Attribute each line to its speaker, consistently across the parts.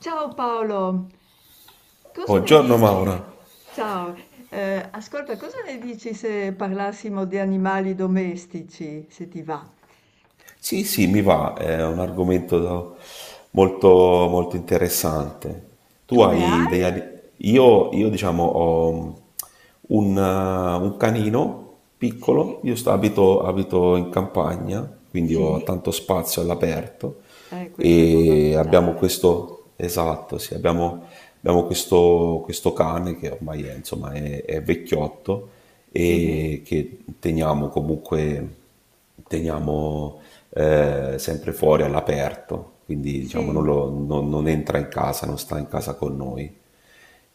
Speaker 1: Ciao Paolo, cosa ne
Speaker 2: Buongiorno
Speaker 1: dici?
Speaker 2: Maura.
Speaker 1: Ciao, ascolta, cosa ne dici se parlassimo di animali domestici, se ti va?
Speaker 2: Sì, sì, mi va, è un argomento molto, molto interessante. Tu
Speaker 1: Tu ne
Speaker 2: hai degli
Speaker 1: hai?
Speaker 2: ani- Io, diciamo, ho un, eh, un canino
Speaker 1: Sì,
Speaker 2: piccolo, io sto-
Speaker 1: sì,
Speaker 2: abito, abito in campagna, quindi
Speaker 1: sì.
Speaker 2: ho tanto spazio all'aperto
Speaker 1: Questo è
Speaker 2: e abbiamo
Speaker 1: fondamentale.
Speaker 2: questo, esatto, sì, abbiamo questo cane che ormai è, insomma, è vecchiotto
Speaker 1: Sì,
Speaker 2: e che teniamo comunque
Speaker 1: con cura.
Speaker 2: teniamo sempre fuori all'aperto, quindi diciamo non,
Speaker 1: Sì,
Speaker 2: lo- non- non entra in casa, non sta in casa con noi.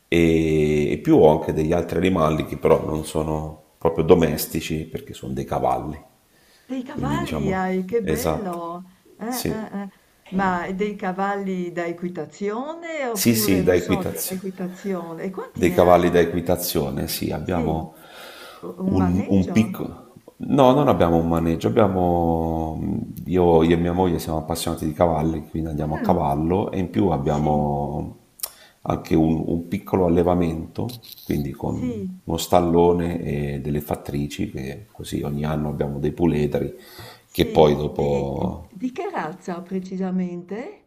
Speaker 2: E più ho anche degli altri animali che però non sono proprio domestici perché sono dei cavalli,
Speaker 1: dei
Speaker 2: quindi
Speaker 1: cavalli
Speaker 2: diciamo,
Speaker 1: hai, che
Speaker 2: esatto,
Speaker 1: bello.
Speaker 2: sì,
Speaker 1: Eh. Ma dei cavalli da equitazione
Speaker 2: sì,
Speaker 1: oppure,
Speaker 2: sì, da
Speaker 1: non so,
Speaker 2: equitazione.
Speaker 1: dell'equitazione? E quanti
Speaker 2: Dei
Speaker 1: ne
Speaker 2: cavalli
Speaker 1: hai?
Speaker 2: da equitazione, sì,
Speaker 1: Sì,
Speaker 2: abbiamo
Speaker 1: Un
Speaker 2: un
Speaker 1: maneggio?
Speaker 2: piccolo... No,
Speaker 1: Sì.
Speaker 2: non abbiamo un maneggio, abbiamo... Io e mia moglie siamo appassionati di cavalli, quindi andiamo a
Speaker 1: Mh,
Speaker 2: cavallo e in più
Speaker 1: sì,
Speaker 2: abbiamo anche un piccolo allevamento, quindi con
Speaker 1: sì,
Speaker 2: uno stallone e delle fattrici, che così ogni anno abbiamo dei puledri che
Speaker 1: sì.
Speaker 2: poi
Speaker 1: Di
Speaker 2: dopo...
Speaker 1: di che razza precisamente?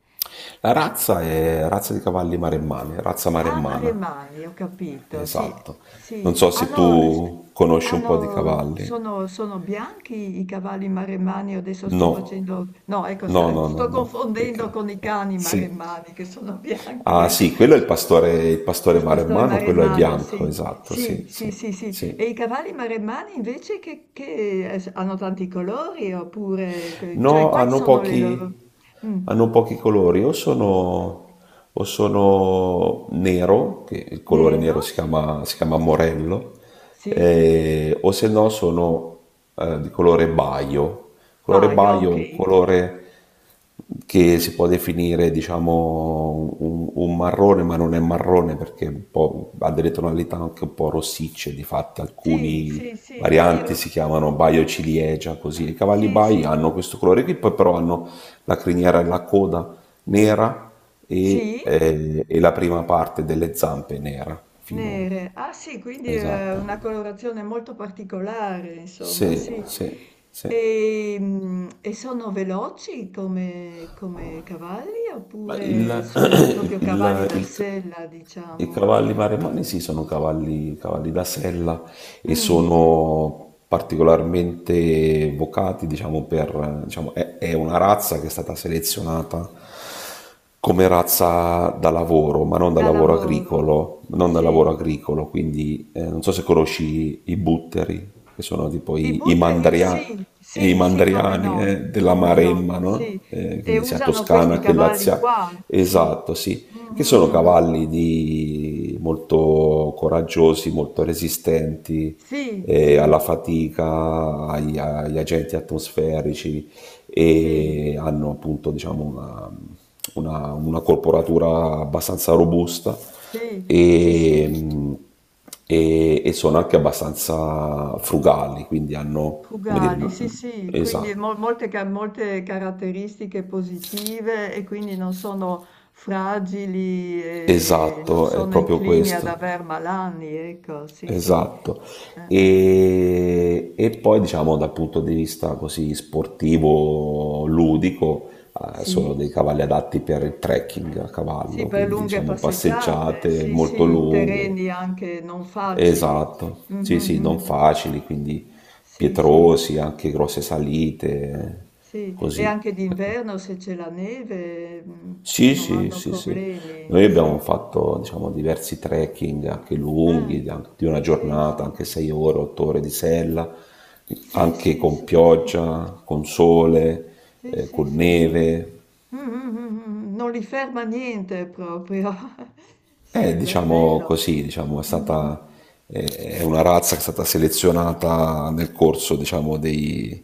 Speaker 2: La razza è razza di cavalli maremmani, razza
Speaker 1: Ah,
Speaker 2: maremmana.
Speaker 1: Remani, ho capito, sì,
Speaker 2: Esatto.
Speaker 1: sì,
Speaker 2: Non so se tu conosci un po' di cavalli.
Speaker 1: sono bianchi i cavalli maremmani, adesso
Speaker 2: No,
Speaker 1: no, ecco,
Speaker 2: no, no, no,
Speaker 1: sto
Speaker 2: no. E
Speaker 1: confondendo
Speaker 2: che-
Speaker 1: con i cani
Speaker 2: Sì.
Speaker 1: maremmani che sono bianchi,
Speaker 2: Ah,
Speaker 1: ecco,
Speaker 2: sì, quello è il pastore
Speaker 1: il pastore
Speaker 2: maremmano, quello è
Speaker 1: maremmano,
Speaker 2: bianco,
Speaker 1: sì,
Speaker 2: esatto,
Speaker 1: sì,
Speaker 2: sì,
Speaker 1: sì,
Speaker 2: sì,
Speaker 1: sì, sì,
Speaker 2: sì.
Speaker 1: e i cavalli maremmani invece che, hanno tanti colori oppure, cioè,
Speaker 2: No,
Speaker 1: quali
Speaker 2: hanno
Speaker 1: sono le loro?
Speaker 2: pochi,
Speaker 1: Mm,
Speaker 2: hanno pochi colori, o sono nero, che il colore nero
Speaker 1: nero,
Speaker 2: si
Speaker 1: sì,
Speaker 2: chiama, si chiama morello,
Speaker 1: sì,
Speaker 2: o se no sono di colore baio. Il colore
Speaker 1: paio,
Speaker 2: baio
Speaker 1: ok.
Speaker 2: è un colore che si può definire, diciamo, un marrone, ma non è marrone perché è un po', ha delle tonalità anche un po' rossicce, di fatto
Speaker 1: Sì,
Speaker 2: alcuni,
Speaker 1: sì, sì, sì,
Speaker 2: varianti, si chiamano Baio ciliegia, così. I cavalli
Speaker 1: sì,
Speaker 2: Bai
Speaker 1: sì,
Speaker 2: hanno questo colore qui, poi però hanno la criniera e la coda nera
Speaker 1: sì,
Speaker 2: e la prima parte delle zampe nera, fino...
Speaker 1: nere. Ah sì, quindi è una
Speaker 2: Esatto.
Speaker 1: colorazione molto particolare, insomma,
Speaker 2: Sì,
Speaker 1: sì.
Speaker 2: sì, sì.
Speaker 1: E sono veloci come cavalli
Speaker 2: Ma
Speaker 1: oppure sono proprio cavalli
Speaker 2: il-
Speaker 1: da
Speaker 2: il-
Speaker 1: sella,
Speaker 2: i
Speaker 1: diciamo?
Speaker 2: cavalli maremani sì, sono cavalli da sella e
Speaker 1: Mm,
Speaker 2: sono particolarmente vocati, diciamo, per, diciamo, è una razza che è stata selezionata come razza da lavoro, ma non da
Speaker 1: da
Speaker 2: lavoro
Speaker 1: lavoro,
Speaker 2: agricolo, non da
Speaker 1: sì.
Speaker 2: lavoro agricolo, quindi non so se conosci i butteri, che sono tipo
Speaker 1: I
Speaker 2: i, i
Speaker 1: butteri sì,
Speaker 2: mandria- e i
Speaker 1: sì, sì, come
Speaker 2: mandriani
Speaker 1: no,
Speaker 2: della
Speaker 1: come no,
Speaker 2: Maremma, no?
Speaker 1: sì. E
Speaker 2: Quindi sia
Speaker 1: usano questi
Speaker 2: Toscana che
Speaker 1: cavalli
Speaker 2: Lazia,
Speaker 1: qua, sì.
Speaker 2: esatto, sì,
Speaker 1: Mm,
Speaker 2: che
Speaker 1: mm,
Speaker 2: sono
Speaker 1: mm, mm.
Speaker 2: cavalli molto coraggiosi, molto resistenti
Speaker 1: Sì, sì,
Speaker 2: alla fatica, agli agenti atmosferici
Speaker 1: sì,
Speaker 2: e hanno appunto diciamo, una corporatura abbastanza robusta
Speaker 1: sì, sì, sì,
Speaker 2: e, mh, e sono anche abbastanza frugali, quindi hanno, come dire,
Speaker 1: fugali, sì, sì. Quindi
Speaker 2: esatto,
Speaker 1: molte caratteristiche positive e quindi non sono fragili e non
Speaker 2: esatto, è
Speaker 1: sono
Speaker 2: proprio
Speaker 1: inclini ad
Speaker 2: questo,
Speaker 1: aver malanni, ecco, sì, sì.
Speaker 2: esatto.
Speaker 1: Eh.
Speaker 2: E poi diciamo dal punto di vista così sportivo, ludico,
Speaker 1: Sì?
Speaker 2: sono dei cavalli adatti per il trekking a
Speaker 1: Sì,
Speaker 2: cavallo,
Speaker 1: per
Speaker 2: quindi
Speaker 1: lunghe
Speaker 2: diciamo
Speaker 1: passeggiate,
Speaker 2: passeggiate
Speaker 1: sì,
Speaker 2: molto
Speaker 1: sì, in
Speaker 2: lunghe,
Speaker 1: terreni anche non facili.
Speaker 2: esatto, sì sì,
Speaker 1: Mhm,
Speaker 2: non
Speaker 1: mhm.
Speaker 2: facili, quindi
Speaker 1: Sì, sì,
Speaker 2: pietrosi, anche grosse salite,
Speaker 1: sì. E
Speaker 2: così.
Speaker 1: anche d'inverno se c'è la neve
Speaker 2: Sì,
Speaker 1: non
Speaker 2: sì,
Speaker 1: hanno
Speaker 2: sì, sì.
Speaker 1: problemi,
Speaker 2: Noi
Speaker 1: sì.
Speaker 2: abbiamo fatto, diciamo, diversi trekking anche
Speaker 1: Eh,
Speaker 2: lunghi, di anche di una
Speaker 1: sì,
Speaker 2: giornata,
Speaker 1: sì.
Speaker 2: anche 6 ore, 8 ore di sella,
Speaker 1: Sì,
Speaker 2: anche
Speaker 1: sì,
Speaker 2: con
Speaker 1: sì, sì.
Speaker 2: pioggia, con sole,
Speaker 1: Sì, sì,
Speaker 2: con
Speaker 1: sì, sì.
Speaker 2: neve.
Speaker 1: Mm, mm, mm, mm. Non li ferma niente proprio. Sì,
Speaker 2: Diciamo
Speaker 1: bello.
Speaker 2: così, diciamo,
Speaker 1: Mm.
Speaker 2: eh, è una razza che è stata selezionata nel corso, diciamo, dei,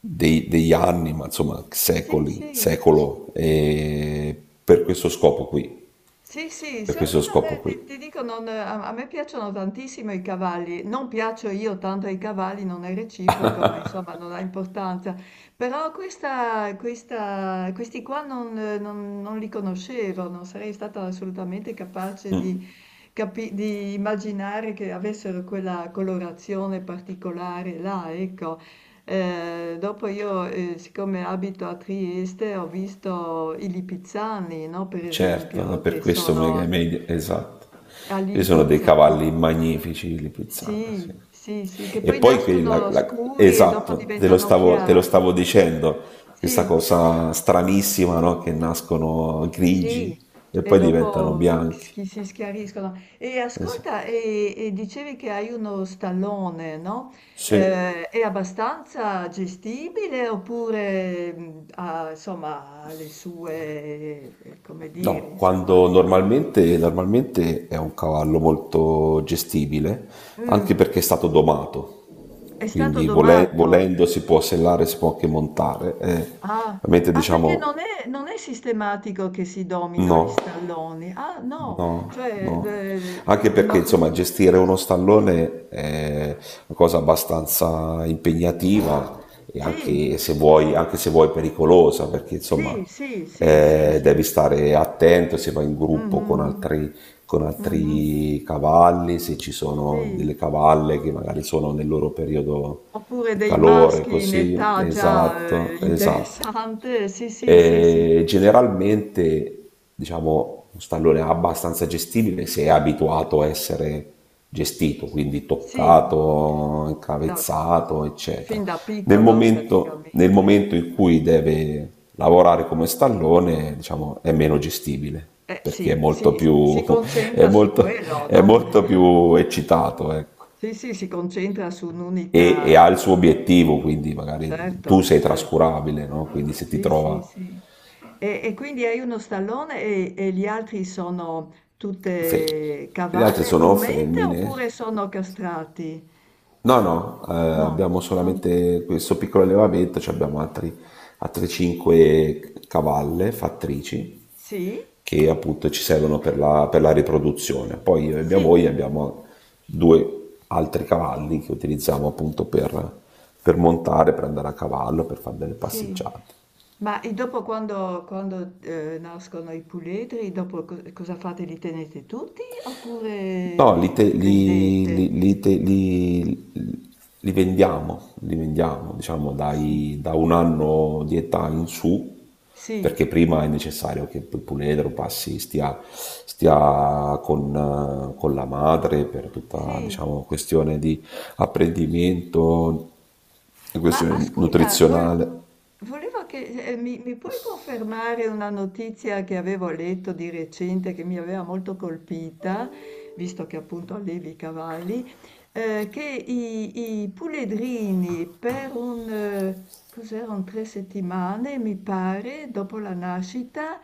Speaker 2: dei- degli anni, ma insomma
Speaker 1: Sì,
Speaker 2: secoli,
Speaker 1: sì.
Speaker 2: secolo, e per questo scopo qui,
Speaker 1: Sì, sì,
Speaker 2: per
Speaker 1: solo
Speaker 2: questo
Speaker 1: che non
Speaker 2: scopo
Speaker 1: è- ti,
Speaker 2: qui.
Speaker 1: ti dico, a me piacciono tantissimo i cavalli, non piaccio io tanto ai cavalli, non è reciproco, ma insomma non ha importanza. Però questi qua non li conoscevo, non sarei stata assolutamente capace di immaginare che avessero quella colorazione particolare là, ecco. Dopo io, siccome abito a Trieste, ho visto i lipizzani, no, per
Speaker 2: Certo, no,
Speaker 1: esempio,
Speaker 2: per
Speaker 1: che
Speaker 2: questo Mega
Speaker 1: sono
Speaker 2: Media, esatto.
Speaker 1: a
Speaker 2: Ci sono dei
Speaker 1: Lipizza, no?
Speaker 2: cavalli magnifici li pizzano, sì.
Speaker 1: Sì, sì, sì, che
Speaker 2: E
Speaker 1: poi
Speaker 2: poi
Speaker 1: nascono scuri e dopo
Speaker 2: esatto, te lo
Speaker 1: diventano
Speaker 2: stavo, te lo
Speaker 1: chiari.
Speaker 2: stavo dicendo, questa
Speaker 1: Sì.
Speaker 2: cosa stranissima, no? Che nascono
Speaker 1: Sì,
Speaker 2: grigi e
Speaker 1: e
Speaker 2: poi diventano
Speaker 1: dopo
Speaker 2: bianchi.
Speaker 1: si schiariscono. E ascolta,
Speaker 2: Esatto.
Speaker 1: e dicevi che hai uno stallone, no?
Speaker 2: Sì.
Speaker 1: È abbastanza gestibile oppure insomma, ha le sue, come dire,
Speaker 2: No,
Speaker 1: insomma,
Speaker 2: quando normalmente è un cavallo molto gestibile, anche
Speaker 1: mm,
Speaker 2: perché è stato
Speaker 1: è
Speaker 2: domato,
Speaker 1: stato
Speaker 2: quindi
Speaker 1: domato.
Speaker 2: volendo si può sellare, si può anche montare.
Speaker 1: Ah,
Speaker 2: Ovviamente
Speaker 1: ah, perché
Speaker 2: diciamo
Speaker 1: non è sistematico che si domino gli
Speaker 2: no.
Speaker 1: stalloni. Ah, no,
Speaker 2: No,
Speaker 1: cioè,
Speaker 2: no. Anche
Speaker 1: no,
Speaker 2: perché insomma gestire uno stallone è una cosa abbastanza impegnativa e
Speaker 1: sì,
Speaker 2: anche se vuoi pericolosa, perché
Speaker 1: sì,
Speaker 2: insomma
Speaker 1: sì, sì, sì, sì.
Speaker 2: devi stare attento se vai in gruppo con
Speaker 1: Mh-mh-mh,
Speaker 2: altri, con
Speaker 1: mh-mh.
Speaker 2: altri cavalli, se ci sono
Speaker 1: Sì,
Speaker 2: delle cavalle che magari sono nel loro periodo
Speaker 1: oppure
Speaker 2: di
Speaker 1: dei
Speaker 2: calore,
Speaker 1: maschi in
Speaker 2: così.
Speaker 1: età già,
Speaker 2: Esatto, esatto.
Speaker 1: interessante. Sì, sì, sì, sì.
Speaker 2: Generalmente, diciamo, un stallone abbastanza gestibile se è abituato a essere gestito, quindi
Speaker 1: Sì,
Speaker 2: toccato,
Speaker 1: da
Speaker 2: incavezzato, eccetera.
Speaker 1: fin da
Speaker 2: Nel
Speaker 1: piccolo
Speaker 2: momento, nel
Speaker 1: praticamente.
Speaker 2: momento in cui deve lavorare come stallone, diciamo, è meno gestibile
Speaker 1: Eh
Speaker 2: perché
Speaker 1: sì, sì, s si
Speaker 2: è
Speaker 1: concentra su
Speaker 2: molto,
Speaker 1: quello,
Speaker 2: è
Speaker 1: no, eh.
Speaker 2: molto più eccitato, ecco.
Speaker 1: Sì, sì, si concentra su
Speaker 2: E,
Speaker 1: un'unica
Speaker 2: e ha il suo obiettivo, quindi magari tu
Speaker 1: certo,
Speaker 2: sei
Speaker 1: certo.
Speaker 2: trascurabile, no? Quindi se ti
Speaker 1: Sì, sì,
Speaker 2: trova
Speaker 1: sì. E quindi hai uno stallone e gli altri sono
Speaker 2: Fe-
Speaker 1: tutte
Speaker 2: le altre
Speaker 1: cavalle,
Speaker 2: sono
Speaker 1: giummente oppure
Speaker 2: femmine.
Speaker 1: sono castrati?
Speaker 2: No, no,
Speaker 1: No,
Speaker 2: abbiamo
Speaker 1: sono...
Speaker 2: solamente questo piccolo allevamento, cioè abbiamo altri, altre cinque cavalle fattrici
Speaker 1: Sì?
Speaker 2: che appunto ci servono per la riproduzione. Poi io e mia
Speaker 1: Sì,
Speaker 2: moglie abbiamo due altri cavalli che utilizziamo appunto per montare, per andare a cavallo, per fare delle
Speaker 1: sì.
Speaker 2: passeggiate.
Speaker 1: Ma e dopo quando, nascono i puledri, dopo cosa fate? Li tenete tutti oppure
Speaker 2: No,
Speaker 1: li, li vendete?
Speaker 2: li vendiamo, diciamo,
Speaker 1: Sì,
Speaker 2: da un anno di età in su,
Speaker 1: sì,
Speaker 2: perché prima è necessario che il puledro passi, stia con la madre per tutta,
Speaker 1: sì.
Speaker 2: diciamo, questione di apprendimento,
Speaker 1: Ma
Speaker 2: questione
Speaker 1: ascolta,
Speaker 2: nutrizionale.
Speaker 1: volevo che mi puoi confermare una notizia che avevo letto di recente che mi aveva molto colpita, visto che appunto allevi i cavalli, che i puledrini per un, cos'erano, 3 settimane, mi pare, dopo la nascita,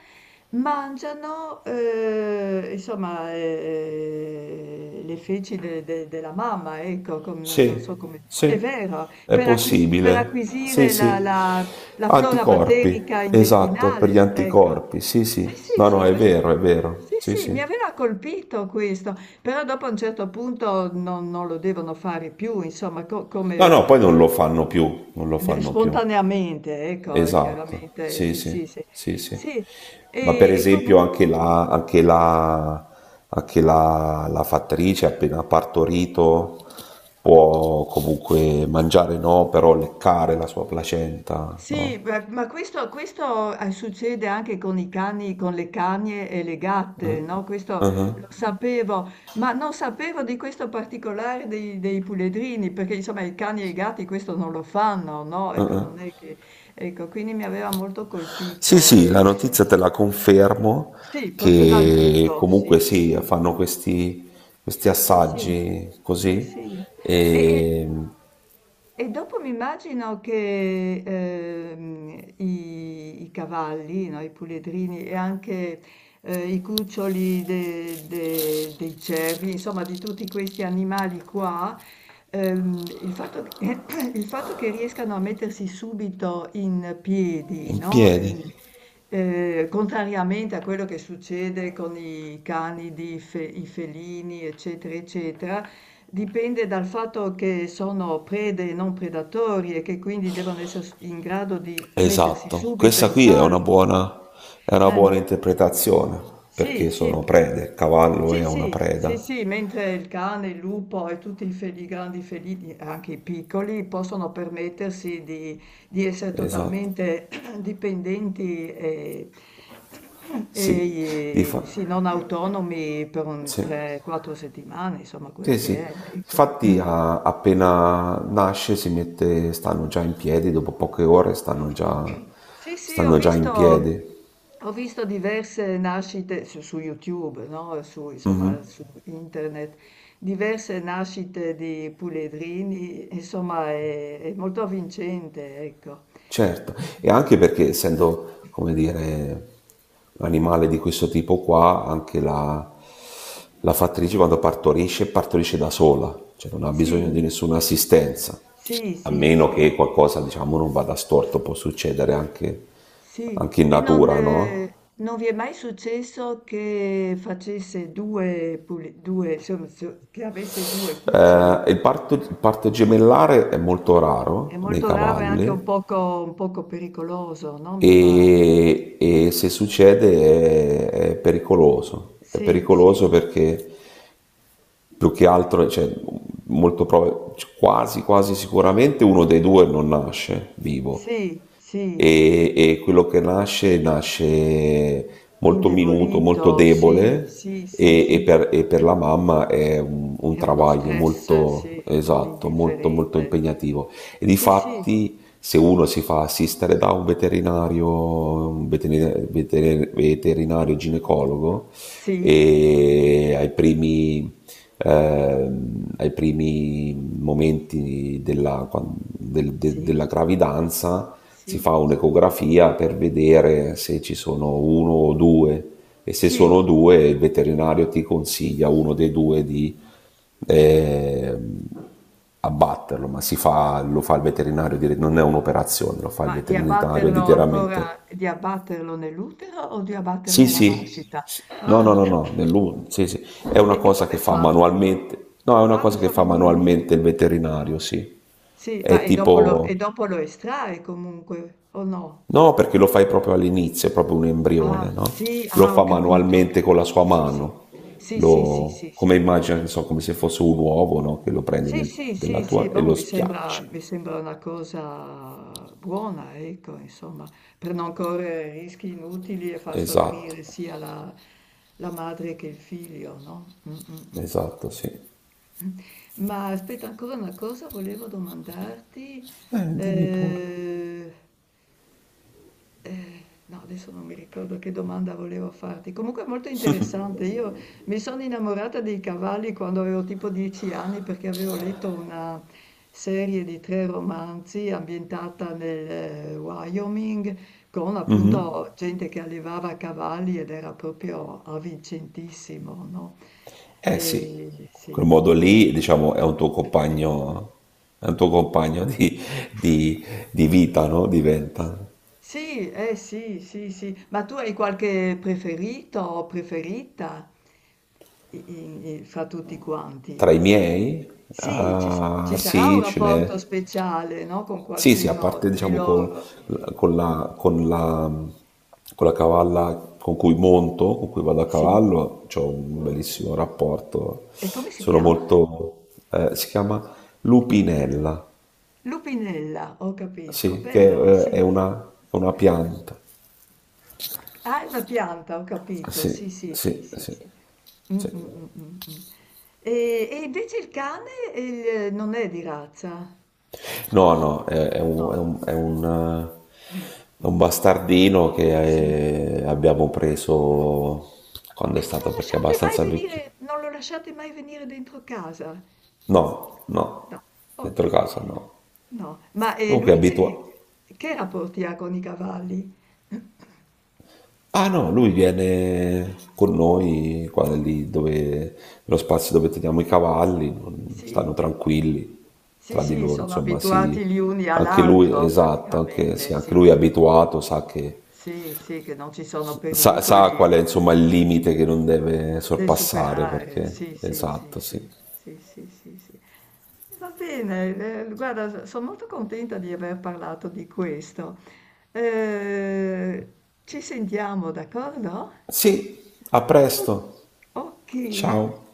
Speaker 1: mangiano, insomma, le feci della mamma, ecco, non so
Speaker 2: Sì,
Speaker 1: come... È
Speaker 2: sì,
Speaker 1: vero,
Speaker 2: è
Speaker 1: per
Speaker 2: possibile. Sì,
Speaker 1: acquisire la
Speaker 2: sì.
Speaker 1: la la flora
Speaker 2: Anticorpi,
Speaker 1: batterica
Speaker 2: esatto, per
Speaker 1: intestinale,
Speaker 2: gli
Speaker 1: ecco.
Speaker 2: anticorpi. Sì,
Speaker 1: Sì,
Speaker 2: sì.
Speaker 1: sì,
Speaker 2: No, no,
Speaker 1: sì,
Speaker 2: è
Speaker 1: questo
Speaker 2: vero, è vero.
Speaker 1: sì,
Speaker 2: Sì,
Speaker 1: sì, mi
Speaker 2: sì.
Speaker 1: aveva colpito questo, però dopo a un certo punto non lo devono fare più, insomma, co come
Speaker 2: No, no, poi non
Speaker 1: eh,
Speaker 2: lo fanno più, non lo
Speaker 1: de
Speaker 2: fanno più.
Speaker 1: spontaneamente, ecco,
Speaker 2: Esatto.
Speaker 1: chiaramente,
Speaker 2: Sì,
Speaker 1: sì, sì,
Speaker 2: sì.
Speaker 1: sì.
Speaker 2: Sì, sì.
Speaker 1: Sì,
Speaker 2: Ma per
Speaker 1: e
Speaker 2: esempio
Speaker 1: comunque
Speaker 2: anche la fattrice appena partorito può comunque mangiare no, però leccare la sua placenta,
Speaker 1: sì,
Speaker 2: no?
Speaker 1: beh, ma succede anche con i cani, con le cagne e le gatte, no? Questo lo
Speaker 2: Ah-ah.
Speaker 1: sapevo, ma non sapevo di questo particolare dei puledrini, perché insomma i cani e i gatti questo non lo fanno, no? Ecco, non è che, ecco, quindi mi aveva molto
Speaker 2: Sì,
Speaker 1: colpito.
Speaker 2: sì, la notizia te la confermo
Speaker 1: Sì, proprio dal
Speaker 2: che
Speaker 1: vivo,
Speaker 2: comunque
Speaker 1: sì.
Speaker 2: sì, fanno questi
Speaker 1: Sì, sì,
Speaker 2: assaggi
Speaker 1: sì,
Speaker 2: così
Speaker 1: sì. E, e-
Speaker 2: e
Speaker 1: E dopo mi immagino che i cavalli, no, i puledrini e anche i cuccioli dei cervi, insomma di tutti questi animali qua, il fatto che, il fatto che riescano a mettersi subito in piedi,
Speaker 2: in
Speaker 1: no? Ehm,
Speaker 2: piedi.
Speaker 1: eh, contrariamente a quello che succede con i cani, i felini, eccetera, eccetera, dipende dal fatto che sono prede e non predatori e che quindi devono essere s in grado di mettersi
Speaker 2: Esatto,
Speaker 1: subito
Speaker 2: questa
Speaker 1: in
Speaker 2: qui è
Speaker 1: salvo,
Speaker 2: una
Speaker 1: no,
Speaker 2: buona, è una
Speaker 1: eh.
Speaker 2: buona interpretazione
Speaker 1: Sì,
Speaker 2: perché
Speaker 1: sì.
Speaker 2: sono prede, il cavallo
Speaker 1: Sì,
Speaker 2: è una
Speaker 1: sì,
Speaker 2: preda.
Speaker 1: sì, sì, mentre il cane, il lupo e tutti i grandi felini, anche i piccoli, possono permettersi di essere
Speaker 2: Esatto,
Speaker 1: totalmente dipendenti e
Speaker 2: sì, di
Speaker 1: e
Speaker 2: fa-
Speaker 1: sì, non autonomi per un
Speaker 2: sì.
Speaker 1: 3, 4 settimane, insomma quello
Speaker 2: Sì,
Speaker 1: che
Speaker 2: sì.
Speaker 1: è, ecco. Mh.
Speaker 2: Infatti appena nasce stanno già in piedi, dopo poche ore stanno già,
Speaker 1: Sì, sì,
Speaker 2: stanno già in piedi.
Speaker 1: ho visto diverse nascite su YouTube, no? Su, insomma, su internet, diverse nascite di puledrini, insomma, è molto avvincente, ecco.
Speaker 2: Certo, e
Speaker 1: Mm.
Speaker 2: anche perché essendo, come dire, un animale di questo tipo qua, anche la fattrice quando partorisce, partorisce da sola, cioè non ha bisogno di
Speaker 1: Sì,
Speaker 2: nessuna assistenza,
Speaker 1: sì,
Speaker 2: a
Speaker 1: sì,
Speaker 2: meno
Speaker 1: sì.
Speaker 2: che qualcosa, diciamo, non vada storto, può succedere anche,
Speaker 1: Sì,
Speaker 2: anche in
Speaker 1: e non,
Speaker 2: natura, no?
Speaker 1: ehm, non vi è mai successo che facesse 2 puli 2 insomma so che avesse 2 cuccioli?
Speaker 2: Eh, il,
Speaker 1: Perché
Speaker 2: parto, il parto gemellare è molto
Speaker 1: è
Speaker 2: raro nei
Speaker 1: molto raro e anche un
Speaker 2: cavalli
Speaker 1: poco un poco pericoloso, no, mi pare.
Speaker 2: e se succede è pericoloso. È
Speaker 1: Sì, sì,
Speaker 2: pericoloso perché più che altro, cioè, quasi sicuramente uno dei due non nasce vivo
Speaker 1: sì, sì,
Speaker 2: e quello che nasce molto minuto, molto
Speaker 1: indebolito, sì,
Speaker 2: debole
Speaker 1: sì, sì,
Speaker 2: e, e
Speaker 1: sì.
Speaker 2: per, e per la mamma è un
Speaker 1: È uno
Speaker 2: travaglio
Speaker 1: stress,
Speaker 2: molto
Speaker 1: sì, non
Speaker 2: esatto, molto molto
Speaker 1: indifferente.
Speaker 2: impegnativo. E
Speaker 1: Sì, sì,
Speaker 2: difatti se uno si fa assistere da un veterinario ginecologo
Speaker 1: sì,
Speaker 2: e ai primi momenti della, quan- del- de-
Speaker 1: sì,
Speaker 2: della gravidanza si
Speaker 1: sì,
Speaker 2: fa un'ecografia per vedere se ci sono uno o due e se
Speaker 1: sì.
Speaker 2: sono due il veterinario ti consiglia uno dei due di eh, abbatterlo, ma si fa, lo fa il veterinario, non è un'operazione, lo fa il
Speaker 1: Ma di
Speaker 2: veterinario
Speaker 1: abbatterlo ancora
Speaker 2: direttamente.
Speaker 1: di abbatterlo nell'utero o di abbatterlo
Speaker 2: Sì,
Speaker 1: alla
Speaker 2: sì,
Speaker 1: nascita?
Speaker 2: sì. No, no,
Speaker 1: Ah,
Speaker 2: no, no, sì, sì. È
Speaker 1: e
Speaker 2: una
Speaker 1: e
Speaker 2: cosa che
Speaker 1: come
Speaker 2: fa
Speaker 1: fa?
Speaker 2: manualmente, no, è una
Speaker 1: Ah, lo
Speaker 2: cosa che
Speaker 1: fa
Speaker 2: fa
Speaker 1: manualmente.
Speaker 2: manualmente il veterinario, sì.
Speaker 1: Sì, ma
Speaker 2: È
Speaker 1: e dopo lo e
Speaker 2: tipo...
Speaker 1: dopo lo estrae comunque, o no?
Speaker 2: No, perché lo fai proprio all'inizio, è proprio un
Speaker 1: Ah,
Speaker 2: embrione, no?
Speaker 1: sì,
Speaker 2: Lo
Speaker 1: ah,
Speaker 2: fa
Speaker 1: ho
Speaker 2: manualmente con la
Speaker 1: capito,
Speaker 2: sua
Speaker 1: sì, sì.
Speaker 2: mano,
Speaker 1: Sì, sì, sì, sì, sì.
Speaker 2: come immagina, non so, come se fosse un uovo, no? Che lo prendi
Speaker 1: Sì, sì,
Speaker 2: della
Speaker 1: sì, sì,
Speaker 2: tua e
Speaker 1: boh,
Speaker 2: lo schiacci.
Speaker 1: mi sembra una cosa buona, ecco, insomma, per non correre rischi inutili e far
Speaker 2: Esatto,
Speaker 1: soffrire sia la madre che il figlio, no? Mm, mm, mm.
Speaker 2: esatto, sì.
Speaker 1: Ma aspetta, ancora una cosa volevo domandarti.
Speaker 2: Dimmi pure.
Speaker 1: eh, no, adesso non mi ricordo che domanda volevo farti. Comunque è molto interessante. Io mi sono innamorata dei cavalli quando avevo tipo 10 anni perché avevo letto una serie di tre romanzi ambientata nel Wyoming con appunto gente che allevava cavalli ed era proprio avvincentissimo, no?
Speaker 2: Eh sì,
Speaker 1: E,
Speaker 2: quel
Speaker 1: sì.
Speaker 2: modo
Speaker 1: Mm.
Speaker 2: lì, diciamo, è un tuo compagno, di- di vita, no? Diventa.
Speaker 1: Sì, eh sì, sì, sì, ma tu hai qualche preferito o preferita fra tutti quanti?
Speaker 2: Tra i miei?
Speaker 1: Sì, ci, s-
Speaker 2: Ah,
Speaker 1: ci sarà un
Speaker 2: sì, ce
Speaker 1: rapporto
Speaker 2: n'è.
Speaker 1: speciale, no? Con
Speaker 2: Sì, sì, a
Speaker 1: qualcuno
Speaker 2: parte
Speaker 1: di
Speaker 2: diciamo
Speaker 1: loro.
Speaker 2: con la, con la- con la cavalla con cui monto, con cui vado a
Speaker 1: Sì,
Speaker 2: cavallo, ho un bellissimo rapporto.
Speaker 1: e come si chiama?
Speaker 2: Si chiama lupinella,
Speaker 1: Lupinella, ho capito,
Speaker 2: sì, che
Speaker 1: bello, sì.
Speaker 2: è una pianta.
Speaker 1: Ah, è una pianta, ho capito,
Speaker 2: Sì,
Speaker 1: sì, sì, sì,
Speaker 2: sì,
Speaker 1: sì,
Speaker 2: sì,
Speaker 1: sì. Mh,
Speaker 2: sì.
Speaker 1: mh, mh, mh, mh. E invece il cane, non è di razza?
Speaker 2: No, no,
Speaker 1: No. Mh,
Speaker 2: è un
Speaker 1: mh.
Speaker 2: bastardino
Speaker 1: Sì.
Speaker 2: che abbiamo preso
Speaker 1: E non lo
Speaker 2: perché è
Speaker 1: lasciate mai
Speaker 2: abbastanza vecchio.
Speaker 1: venire non lo lasciate mai venire dentro casa?
Speaker 2: No, no,
Speaker 1: No,
Speaker 2: dentro
Speaker 1: okay.
Speaker 2: casa no.
Speaker 1: No, ma,
Speaker 2: Comunque è
Speaker 1: lui che
Speaker 2: abitua.
Speaker 1: che rapporti ha con i cavalli?
Speaker 2: Ah no, lui viene con noi qua lì dove, nello spazio dove teniamo i cavalli,
Speaker 1: Sì,
Speaker 2: stanno tranquilli
Speaker 1: sì,
Speaker 2: tra di
Speaker 1: sì,
Speaker 2: loro,
Speaker 1: sono
Speaker 2: insomma,
Speaker 1: abituati
Speaker 2: sì.
Speaker 1: gli uni
Speaker 2: Anche lui,
Speaker 1: all'altro
Speaker 2: esatto, anche,
Speaker 1: praticamente,
Speaker 2: sì, anche
Speaker 1: sì,
Speaker 2: lui è
Speaker 1: sì.
Speaker 2: abituato, sa che,
Speaker 1: Sì, sì, che non ci sono
Speaker 2: sa, sa
Speaker 1: pericoli.
Speaker 2: qual è, insomma, il limite che non deve
Speaker 1: Devi
Speaker 2: sorpassare,
Speaker 1: superare,
Speaker 2: perché,
Speaker 1: sì, sì, sì,
Speaker 2: esatto, sì.
Speaker 1: sì, sì, sì, sì, sì. E va bene, guarda, sono molto contenta di aver parlato di questo. Eh, Ci sentiamo, d'accordo?
Speaker 2: Sì, a
Speaker 1: O-
Speaker 2: presto,
Speaker 1: Ok.
Speaker 2: ciao.